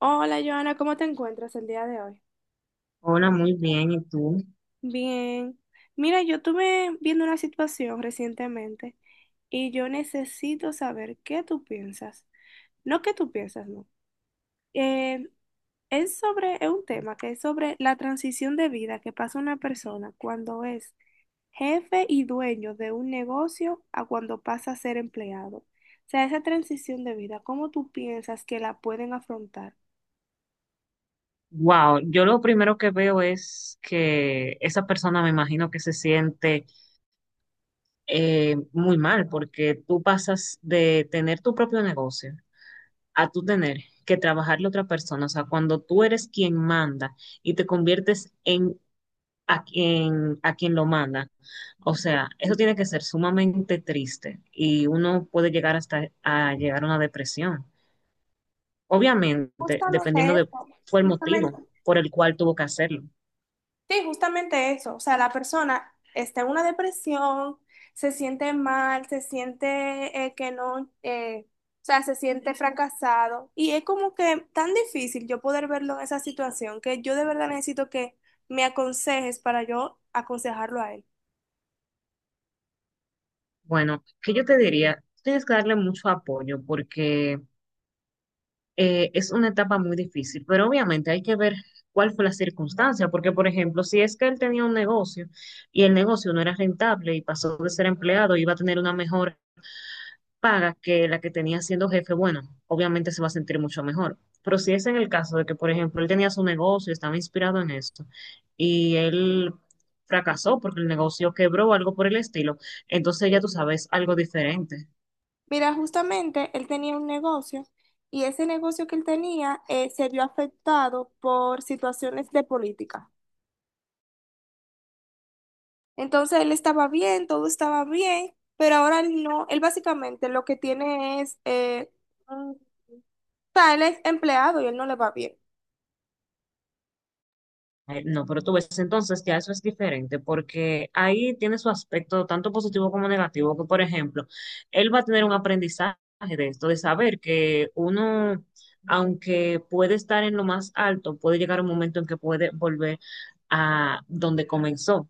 Hola, Joana, ¿cómo te encuentras el día de hoy? Hola, muy bien. ¿Y tú? Bien. Mira, yo estuve viendo una situación recientemente y yo necesito saber qué tú piensas. No qué tú piensas, no. Eh, es sobre, es un tema que es sobre la transición de vida que pasa una persona cuando es jefe y dueño de un negocio a cuando pasa a ser empleado. O sea, esa transición de vida, ¿cómo tú piensas que la pueden afrontar? Wow, yo lo primero que veo es que esa persona me imagino que se siente muy mal porque tú pasas de tener tu propio negocio a tú tener que trabajarle a otra persona. O sea, cuando tú eres quien manda y te conviertes en a quien lo manda. O sea, eso tiene que ser sumamente triste y uno puede llegar hasta a llegar a una depresión. Obviamente, Justamente dependiendo de eso, cuál fue el motivo justamente por el cual tuvo que hacerlo. Sí, justamente eso. O sea, la persona está en una depresión, se siente mal, se siente, que no, o sea, se siente fracasado. Y es como que tan difícil yo poder verlo en esa situación que yo de verdad necesito que me aconsejes para yo aconsejarlo a él. Bueno, que yo te diría, tienes que darle mucho apoyo porque es una etapa muy difícil, pero obviamente hay que ver cuál fue la circunstancia, porque por ejemplo, si es que él tenía un negocio y el negocio no era rentable y pasó de ser empleado, iba a tener una mejora paga que la que tenía siendo jefe, bueno, obviamente se va a sentir mucho mejor. Pero si es en el caso de que, por ejemplo, él tenía su negocio, estaba inspirado en esto, y él fracasó porque el negocio quebró o algo por el estilo, entonces ya tú sabes algo diferente. Mira, justamente él tenía un negocio y ese negocio que él tenía, se vio afectado por situaciones de política. Entonces él estaba bien, todo estaba bien, pero ahora él no, él básicamente lo que tiene es, o sea, él es empleado y él no le va bien. Ay, no, pero tú ves entonces ya eso es diferente porque ahí tiene su aspecto tanto positivo como negativo, que por ejemplo, él va a tener un aprendizaje de esto, de saber que uno, aunque puede estar en lo más alto, puede llegar un momento en que puede volver a donde comenzó.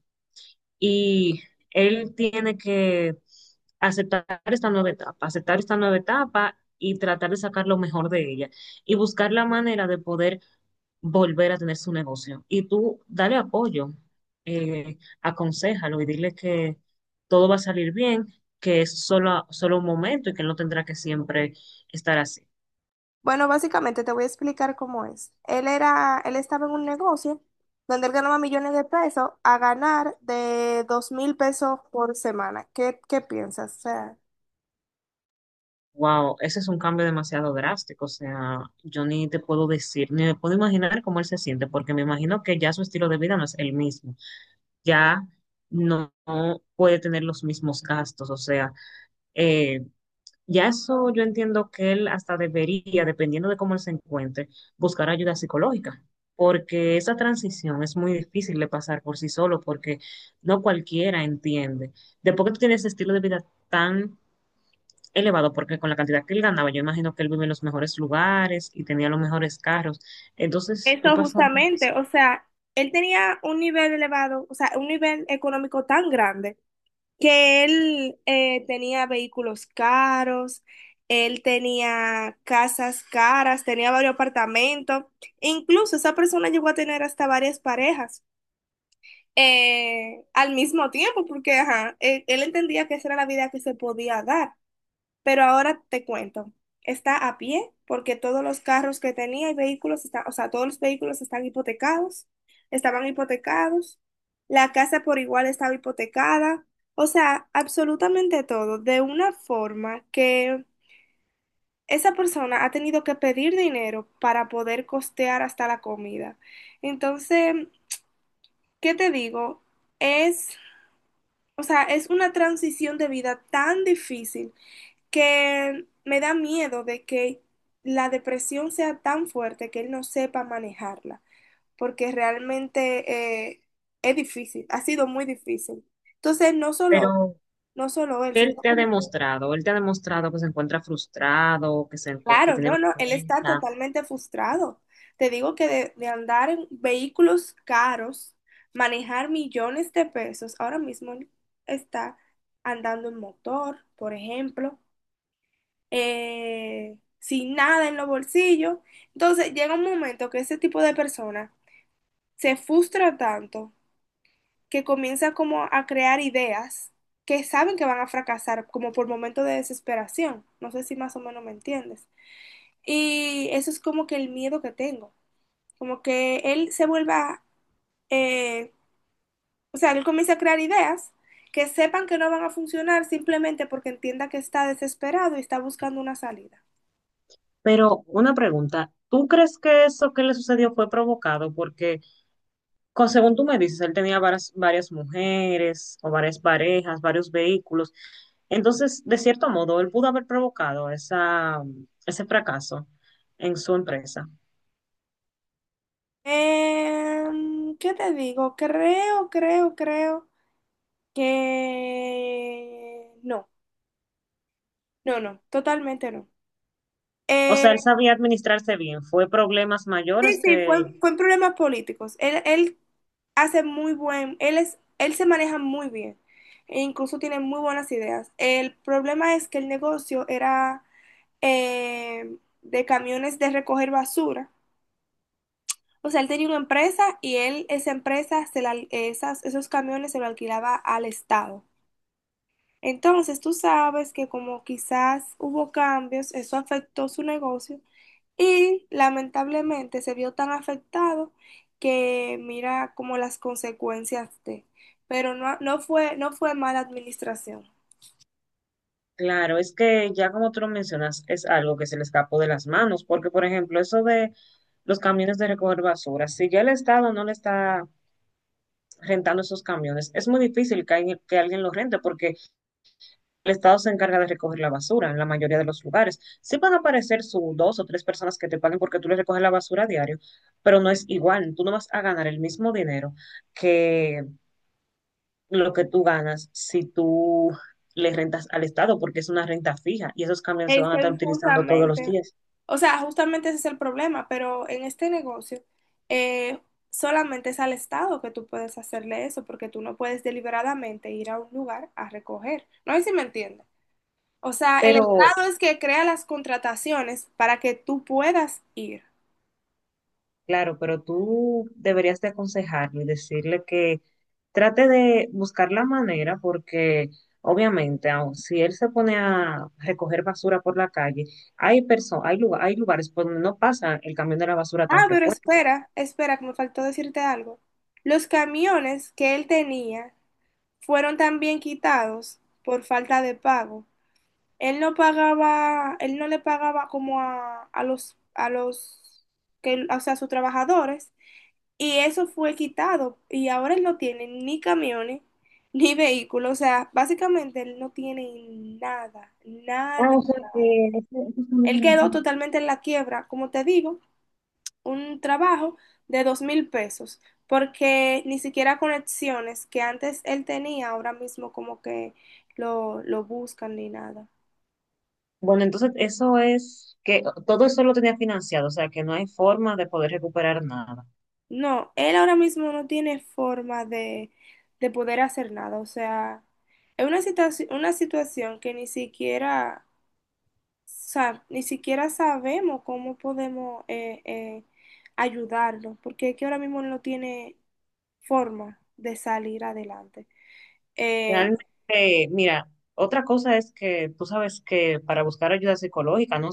Y él tiene que aceptar esta nueva etapa, aceptar esta nueva etapa y tratar de sacar lo mejor de ella y buscar la manera de poder volver a tener su negocio. Y tú dale apoyo, aconséjalo y dile que todo va a salir bien, que es solo, solo un momento y que no tendrá que siempre estar así. Bueno, básicamente te voy a explicar cómo es. Él estaba en un negocio donde él ganaba millones de pesos a ganar de 2000 pesos por semana. Qué piensas? O sea, Wow, ese es un cambio demasiado drástico. O sea, yo ni te puedo decir, ni me puedo imaginar cómo él se siente, porque me imagino que ya su estilo de vida no es el mismo. Ya no puede tener los mismos gastos. O sea, eh, ya eso yo entiendo que él hasta debería, dependiendo de cómo él se encuentre, buscar ayuda psicológica, porque esa transición es muy difícil de pasar por sí solo, porque no cualquiera entiende. Después que tú tienes ese estilo de vida tan elevado, porque con la cantidad que él ganaba, yo imagino que él vive en los mejores lugares y tenía los mejores carros, entonces tú eso pasar por justamente, eso. o sea, él tenía un nivel elevado, o sea, un nivel económico tan grande que él tenía vehículos caros, él tenía casas caras, tenía varios apartamentos, e incluso esa persona llegó a tener hasta varias parejas al mismo tiempo, porque ajá, él entendía que esa era la vida que se podía dar. Pero ahora te cuento, está a pie porque todos los carros que tenía y vehículos, está, o sea, todos los vehículos están hipotecados, estaban hipotecados, la casa por igual estaba hipotecada, o sea, absolutamente todo, de una forma que esa persona ha tenido que pedir dinero para poder costear hasta la comida. Entonces, ¿qué te digo? Es, o sea, es una transición de vida tan difícil que me da miedo de que la depresión sea tan fuerte que él no sepa manejarla, porque realmente es difícil, ha sido muy difícil. Entonces, Pero, no solo él, ¿qué sino él te ha como que, demostrado? Él te ha demostrado que se encuentra frustrado, que, que claro, tiene no, no, él está vergüenza. totalmente frustrado. Te digo que de andar en vehículos caros, manejar millones de pesos, ahora mismo él está andando en motor, por ejemplo. Sin nada en los bolsillos. Entonces llega un momento que ese tipo de persona se frustra tanto que comienza como a crear ideas que saben que van a fracasar, como por momentos de desesperación. No sé si más o menos me entiendes. Y eso es como que el miedo que tengo, como que él se vuelva, eh, o sea, él comienza a crear ideas, que sepan que no van a funcionar simplemente porque entienda que está desesperado y está buscando una salida. Pero una pregunta, ¿tú crees que eso que le sucedió fue provocado? Porque, según tú me dices, él tenía varias mujeres o varias parejas, varios vehículos. Entonces, de cierto modo, él pudo haber provocado esa, ese fracaso en su empresa. ¿Qué te digo? Creo que no, no, totalmente no. O Eh, sea, él sabía administrarse bien. Fue problemas sí, mayores que, fue en problemas políticos. Él él se maneja muy bien e incluso tiene muy buenas ideas. El problema es que el negocio era de camiones de recoger basura. O sea, él tenía una empresa y él, esa empresa, se la, esas, esos camiones se lo alquilaba al Estado. Entonces, tú sabes que como quizás hubo cambios, eso afectó su negocio y lamentablemente se vio tan afectado que mira como las consecuencias de, pero no, no fue mala administración. claro, es que ya como tú lo mencionas, es algo que se le escapó de las manos. Porque, por ejemplo, eso de los camiones de recoger basura, si ya el Estado no le está rentando esos camiones. Es muy difícil que alguien los rente porque el Estado se encarga de recoger la basura en la mayoría de los lugares. Sí van a aparecer sus dos o tres personas que te paguen porque tú les recoges la basura a diario, pero no es igual. Tú no vas a ganar el mismo dinero que lo que tú ganas si tú le rentas al Estado porque es una renta fija y esos camiones se van Ese a estar es utilizando todos los justamente, días. o sea, justamente ese es el problema, pero en este negocio eh, solamente es al Estado que tú puedes hacerle eso porque tú no puedes deliberadamente ir a un lugar a recoger. No sé si me entiendes. O sea, el Pero Estado es que crea las contrataciones para que tú puedas ir. claro, pero tú deberías de aconsejarlo y decirle que trate de buscar la manera porque obviamente aun si él se pone a recoger basura por la calle, hay personas, hay lugar, hay lugares por donde no pasa el camión de la basura tan Ah, pero frecuente. espera, espera, que me faltó decirte algo. Los camiones que él tenía fueron también quitados por falta de pago. Él no le pagaba como a los que, o sea, a sus trabajadores, y eso fue quitado. Y ahora él no tiene ni camiones ni vehículos. O sea, básicamente él no tiene nada, Ah, nada. o sea que esos camiones Él eran quedó así. totalmente en la quiebra, como te digo, un trabajo de 2000 pesos, porque ni siquiera conexiones que antes él tenía, ahora mismo como que lo buscan ni nada. Bueno, entonces eso es que todo eso lo tenía financiado, o sea que no hay forma de poder recuperar nada. No, él ahora mismo no tiene forma de poder hacer nada, o sea, es una situación que ni siquiera, ni siquiera sabemos cómo podemos ayudarlo, porque es que ahora mismo no tiene forma de salir adelante. Eh, Realmente, mira, otra cosa es que tú sabes que para buscar ayuda psicológica, ¿no?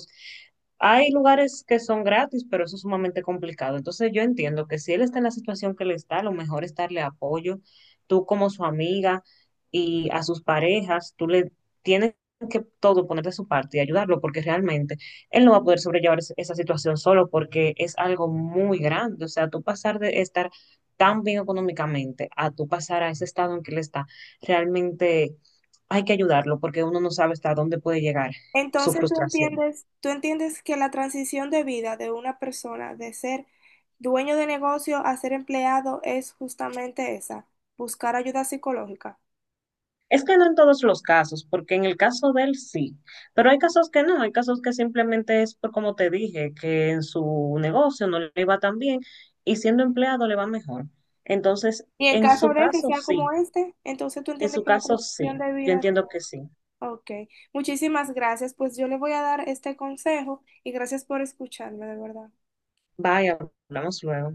Hay lugares que son gratis, pero eso es sumamente complicado. Entonces yo entiendo que si él está en la situación que le está, lo mejor es darle apoyo. Tú como su amiga y a sus parejas, tú le tienes que todo poner de su parte y ayudarlo, porque realmente él no va a poder sobrellevar esa situación solo, porque es algo muy grande. O sea, tú pasar de estar tan bien económicamente a tú pasar a ese estado en que él está realmente hay que ayudarlo porque uno no sabe hasta dónde puede llegar su entonces frustración. Tú entiendes que la transición de vida de una persona de ser dueño de negocio a ser empleado es justamente esa, buscar ayuda psicológica. Es que no en todos los casos, porque en el caso de él sí, pero hay casos que no, hay casos que simplemente es por como te dije, que en su negocio no le iba tan bien y siendo empleado le va mejor. Entonces, Y en en caso su de que caso sea como sí, este, entonces tú en entiendes su que la caso sí, transición de yo vida... entiendo que sí. Ok, muchísimas gracias. Pues yo le voy a dar este consejo y gracias por escucharme, de verdad. Vaya, hablamos luego.